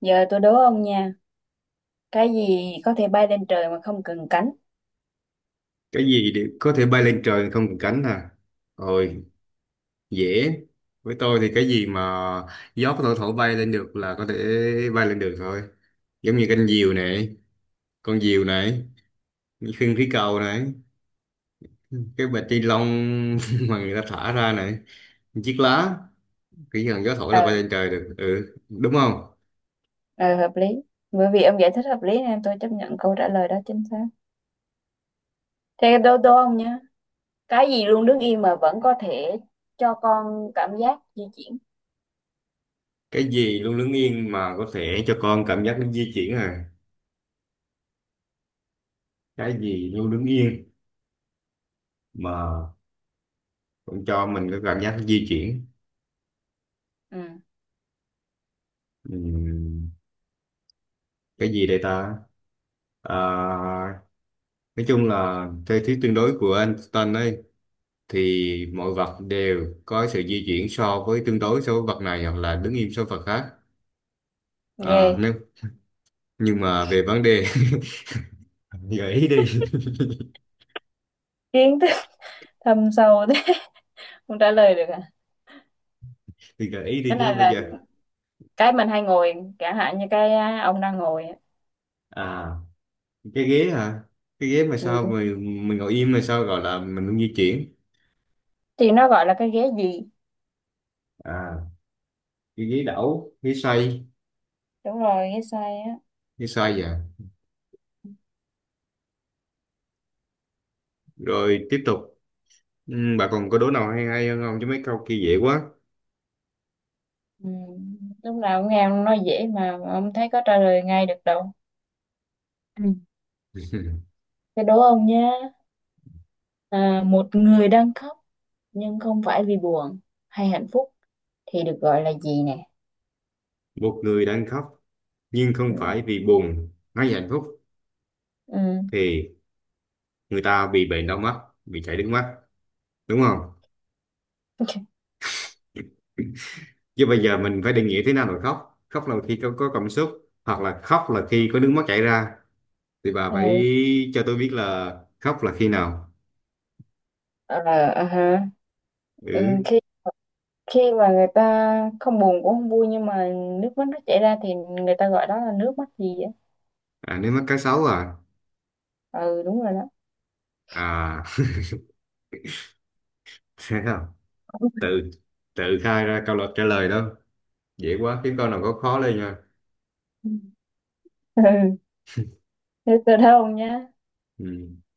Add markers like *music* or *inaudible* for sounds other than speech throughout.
Giờ tôi đố ông nha, cái gì có thể bay lên trời mà không cần cánh? Cái gì đều có thể bay lên trời không cần cánh à? Rồi, dễ. Với tôi thì cái gì mà gió có thể thổi bay lên được là có thể bay lên được thôi. Giống như canh diều này, con diều này, khinh khí cầu này, cái bịch ni lông *laughs* mà người ta thả ra này, chiếc lá, chỉ cần gió thổi Ờ, là bay lên trời được, ừ đúng không? ờ hợp lý. Bởi vì ông giải thích hợp lý nên tôi chấp nhận câu trả lời đó chính xác. Thế đố đố ông nha, cái gì luôn đứng yên mà vẫn có thể cho con cảm giác di chuyển? Cái gì luôn đứng yên mà có thể cho con cảm giác nó di chuyển à? Cái gì luôn đứng yên mà cũng cho mình cái cảm giác nó di chuyển? Ừ, Ừ, cái gì đây ta? à, nói chung là theo thuyết tương đối của Einstein ấy thì mọi vật đều có sự di chuyển so với tương đối so với vật này hoặc là đứng im so với vật khác. ghê. Nếu nhưng mà về vấn đề *laughs* gợi ý đi. *laughs* Kiến thức *laughs* thâm sâu thế, *laughs* không trả lời được à? Thì gợi ý đi Cái chứ này bây là giờ. cái mình hay ngồi, chẳng hạn như ông đang ngồi á. À, cái ghế hả? cái ghế mà Ừ. sao mình mình ngồi im mà sao gọi là mình không di chuyển? Thì nó gọi là cái ghế gì? À, cái ghế đẩu, ghế xoay. Đúng rồi, ghế xoay á. Ghế xoay vậy, rồi tiếp tục. Ừ, bà còn có đố nào hay hay hơn không chứ mấy câu kia dễ quá. Ừ. Lúc nào cũng nghe ông nói dễ mà ông thấy có trả lời ngay được đâu. Ừ. *laughs* Thế đố ông nhé. Một người đang khóc nhưng không phải vì buồn hay hạnh phúc thì được gọi là gì nè? Một người đang khóc nhưng không Ừ. phải vì buồn hay hạnh phúc Ừ. thì người ta bị bệnh đau mắt, bị chảy nước mắt, đúng không? *laughs* Chứ bây giờ mình phải định nghĩa thế nào là khóc. Khóc là khi có cảm xúc hoặc là khóc là khi có nước mắt chảy ra, thì bà phải Ừ. cho tôi biết là khóc là khi nào. Ờ, ờ ha. Ừ. Ừ. Khi khi mà người ta không buồn cũng không vui nhưng mà nước mắt nó chảy ra thì người ta gọi đó là nước mắt gì á? À, nước mắt cá sấu à? Ừ, đúng rồi đó. À, *laughs* thế không. Tự tự khai ra câu luật trả lời đó. Dễ quá, kiếm câu nào có khó lên nha. *laughs* Ừ. Thế tôi đố ông nhé. Ừ.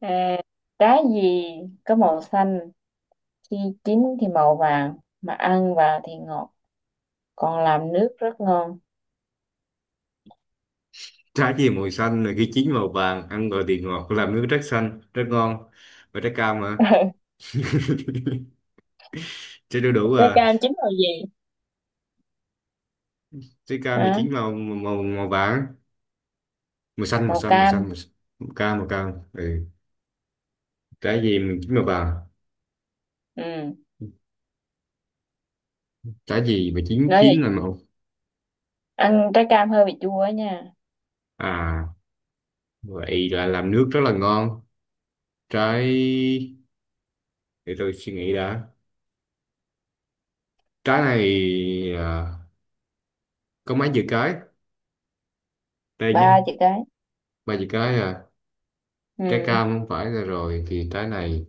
À, Trái gì có màu xanh khi chín thì màu vàng mà ăn vào thì ngọt còn làm nước rất ngon. Trái gì màu xanh là khi chín màu vàng, ăn gọi thì ngọt, làm nước rất xanh rất ngon, và trái cam mà. *laughs* *laughs* Trái đu đủ Trái à? cam chín màu gì? trái cam thì Hả? chín màu màu màu vàng màu xanh màu Màu xanh màu cam. xanh màu, xanh. Màu cam. Màu cam, ừ. Trái gì mà chín màu vàng? Ừ, trái gì mà chín nói chín vậy là màu? ăn trái cam hơi bị chua á nha. À, vậy là làm nước rất là ngon. Trái, để tôi suy nghĩ đã. Trái này có mấy chữ cái đây nhé? Ba chữ cái. Ba chữ cái à? Trái Ừ, cam không phải là rồi thì trái này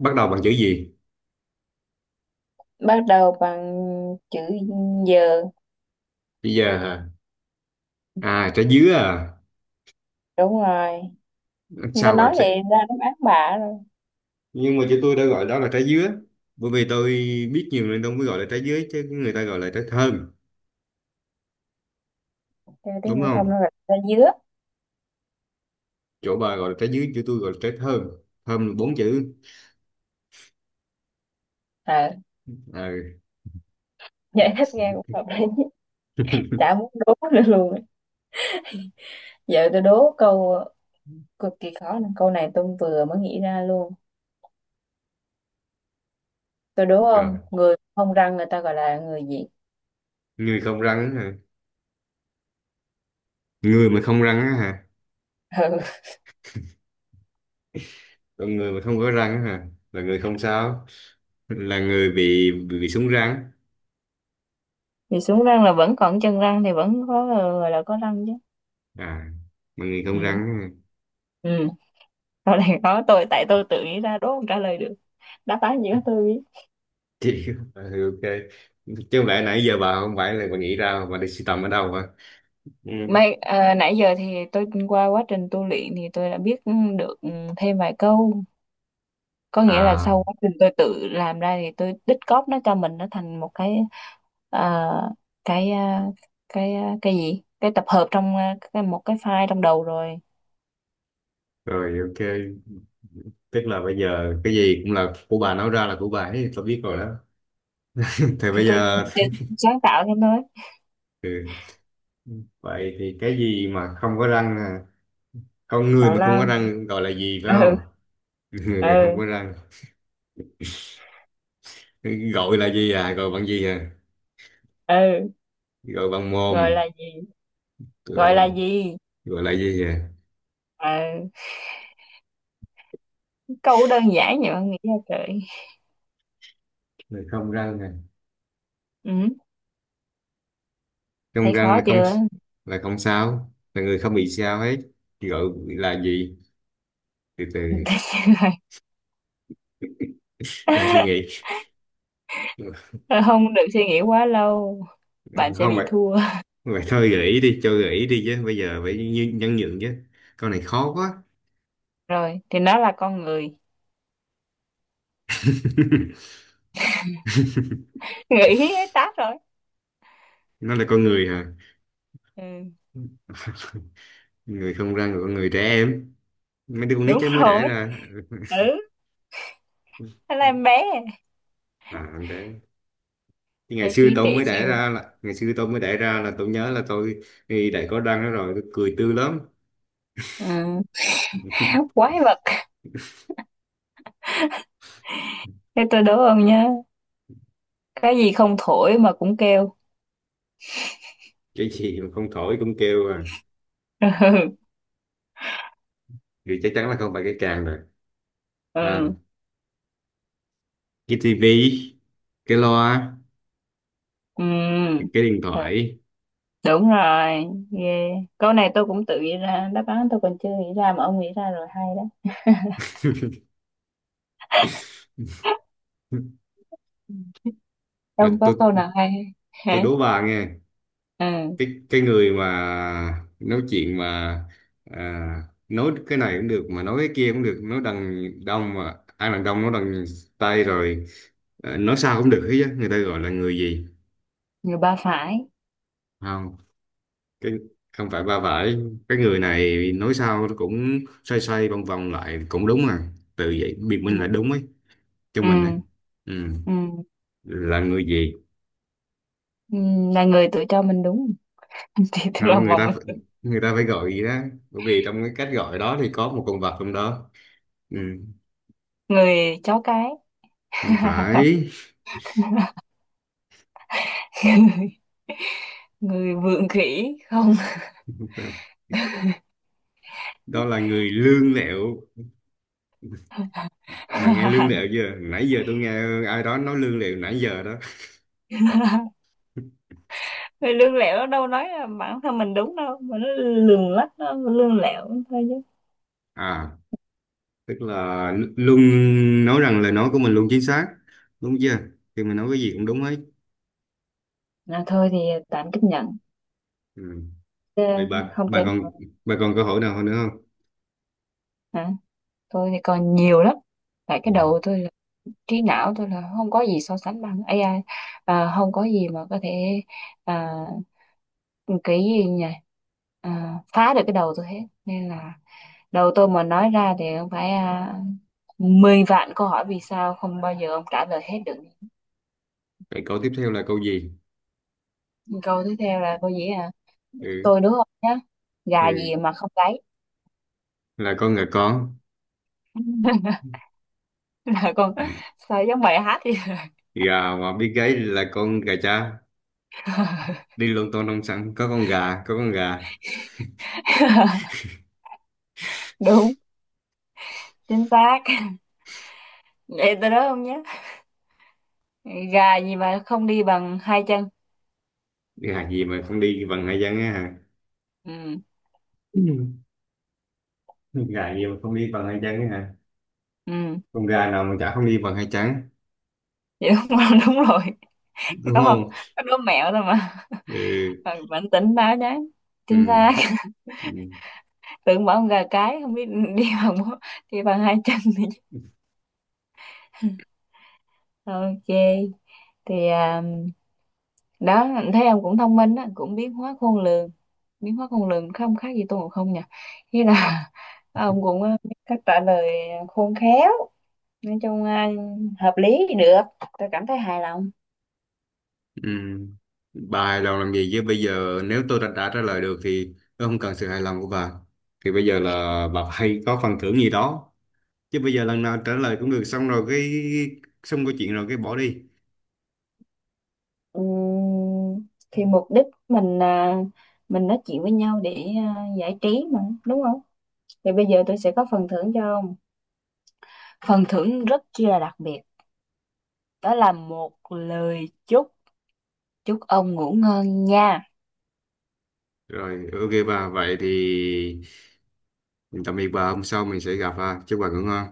bắt đầu bằng chữ gì? bắt đầu bằng chữ dừa. Bây giờ hả? À, trái dứa à? Đúng rồi, người ta Sao gọi nói trái... vậy ra đáp án bạ, rồi. Nhưng mà chữ tôi đã gọi đó là trái dứa, bởi vì tôi biết nhiều nên tôi mới gọi là trái dứa chứ người ta gọi là trái thơm, Theo tiếng đúng phổ thông nó không? là ra dứa. Chỗ bà gọi là trái dứa, chỗ tôi gọi là trái thơm. Thơm là bốn chữ. À, *laughs* À, giải thích nghe cũng hợp lý. *laughs* Chả muốn đố nữa luôn. Giờ tôi đố câu cực kỳ khó nè. Câu này tôi vừa mới nghĩ ra luôn. Tôi đố rồi, không, người không răng người ta gọi là người gì? người không răng á hả? Người mà không răng á hả? *laughs* Ừ. Còn người mà không có răng á hả là người không sao, là người bị súng răng. Thì xuống răng là vẫn còn chân răng thì vẫn có gọi là có răng chứ. À, mà người không răng Ừ. á hả? Ừ. Câu này khó, tôi tại tôi tự nghĩ ra đố không trả lời được, đáp án gì đó tôi biết. Chị *laughs* ừ, ok. Chứ không lẽ nãy giờ bà không phải là bà nghĩ ra, bà đi sưu tầm ở đâu hả? Ừ. Mấy, nãy giờ thì tôi qua quá trình tu luyện thì tôi đã biết, ừ, được, ừ, thêm vài câu, có nghĩa là À sau quá trình tôi tự làm ra thì tôi tích cóp nó cho mình, nó thành một cái, à, cái à, gì, cái tập hợp trong cái, một cái file trong đầu rồi. rồi, ok. Tức là bây giờ cái gì cũng là của bà, nói ra là của bà ấy, tôi biết rồi đó. *laughs* Thì thì bây tôi giờ. thì sáng tạo thêm thôi. Ừ, vậy thì cái gì mà không có răng à? Con người Tạo mà không có lao. răng gọi là gì phải Ừ. không? *laughs* Người mà không Ừ. có răng gọi là gì à? Gọi bằng gì à? Ừ. Gọi bằng mồm. Gọi là gì? Gọi Gọi là bằng. gì? Gọi là gì à? Ừ. Câu đơn giản vậy mà nghĩ ra trời. Người không răng à? Ừ. Trong Thấy răng khó là không, chưa? là không sao, là người không bị sao hết. Gọi là gì? Từ từ, *laughs* đang suy nghĩ. Không được suy nghĩ quá lâu, bạn sẽ Không bị vậy, thua. vậy thôi gợi ý đi, cho gợi ý đi chứ bây giờ phải nhẫn nhịn chứ, con này khó quá. Rồi thì nó là con người. *laughs* *laughs* Nghĩ hết tát rồi. Nó là con người hả? Ừ. Người không răng là con người trẻ em, mấy đứa con nít Đúng chứ mới rồi. đẻ ra. Ừ, nó là em bé. À con bé, thì ngày Thấy xưa trí tôi tuệ mới đẻ siêu. ra là ngày xưa tôi mới đẻ ra là tôi nhớ là tôi thì đã có răng đó rồi, tôi cười tươi lắm. Ừ. *laughs* Quái vật. Thế tôi đố ông nhá, cái gì không thổi mà cũng kêu? Cái gì mà không thổi cũng kêu à? *laughs* Ừ. Thì chắc chắn là không phải cái càng. À, Ừ. cái tivi, cái loa, cái Ừ. cái điện Thật. thoại. Đúng rồi. Ghê. Câu này tôi cũng tự nghĩ ra đáp án tôi còn chưa nghĩ ra mà ông nghĩ ra rồi, hay đó. Ừ. À, Không có tôi câu nào hay. tôi Hả? đố bà nghe. Ừ, Cái người mà nói chuyện mà, à, nói cái này cũng được mà nói cái kia cũng được, nói đằng đông mà ai đằng đông nói đằng tây rồi, à, nói sao cũng được hết á, người ta gọi là người gì? người ba phải. Không, cái không phải ba phải. Cái người này nói sao nó cũng xoay xoay vòng vòng lại cũng đúng à từ vậy biện Ừ. minh là đúng ấy cho Ừ. mình đấy, ừ. Ừ. Là người gì? Ừ, là người tự cho mình đúng. *laughs* Thì tôi là Không, người một ta phải, mình. người ta phải gọi gì đó, bởi vì trong cái cách gọi đó thì có một con vật trong đó. Ừ. Người chó cái. Không phải. *laughs* Người vượng khỉ không. Không phải. Đó là người lương lẹo. Mà nghe lương *laughs* lẹo chưa, nãy giờ tôi nghe ai đó nói lương lẹo nãy giờ đó. *laughs* Thì lương lẹo nó đâu nói là bản thân mình đúng đâu, mà nó lường lách, nó lương lẹo thôi chứ. À, tức là luôn nói rằng lời nói của mình luôn chính xác, đúng chưa? Thì mình nói cái gì cũng đúng hết. Là thôi thì tạm chấp nhận. Ừ. Chứ Vậy bà không bà thể còn, mà- bà còn câu hỏi nào nữa không? Hả? Tôi thì còn nhiều lắm tại cái Ừ. đầu tôi là, trí não tôi là không có gì so sánh bằng AI. Không có gì mà có thể, à, cái gì nhỉ, phá được cái đầu tôi hết. Nên là đầu tôi mà nói ra thì không phải, 10 vạn câu hỏi vì sao không bao giờ ông trả lời hết được. Vậy câu tiếp theo là câu gì? Câu tiếp theo là câu gì? Ừ. Tôi đúng không nhá, gà gì Ừ. mà không gáy? Là con gà con. *laughs* Là con. Ừ. Sao giống bài hát vậy. Gà mà biết gáy là con gà cha, *laughs* đi luôn tô nông sản có con gà, có con gà. Đúng. Chính xác. Vậy tôi nói không nhá, gà gì mà không đi bằng hai chân? Đi hạt gì mà không đi bằng hai chân á hả? Ừ. Ừ. Con gà gì mà không đi bằng hai chân á hả? Ừ. Con gà nào mà chả không đi bằng hai chân, Vậy đúng không? *laughs* Đúng rồi. đúng Có không? không? Có đố mẹo thôi mà. Ừ. Bạn bạn tỉnh táo nhá. Chính Ừ. xác. Ừ. *laughs* Tưởng bảo con gà cái không biết đi bằng *laughs* bốn- đi bằng hai chân thì ok. Thì đó, thấy ông cũng thông minh á, cũng biến hóa khôn lường. Biến hóa khôn lường không khác gì Tôn Ngộ Không nhỉ. Thế là *laughs* ông cũng biết cách trả lời khôn khéo. Nói chung hợp lý thì được, tôi cảm thấy hài lòng. Ừ. Bà hài lòng làm gì chứ, bây giờ nếu tôi đã trả lời được thì tôi không cần sự hài lòng của bà. Thì bây giờ là bà hay có phần thưởng gì đó chứ, bây giờ lần nào trả lời cũng được xong rồi cái, xong câu chuyện rồi cái bỏ đi. Thì mục đích mình mình nói chuyện với nhau để giải trí mà đúng không. Thì bây giờ tôi sẽ có phần thưởng cho ông, phần thưởng rất chi là đặc biệt, đó là một lời chúc. Chúc ông ngủ ngon nha. Rồi ok bà, vậy thì tạm biệt bà, hôm sau mình sẽ gặp ha, chúc bà ngủ ngon.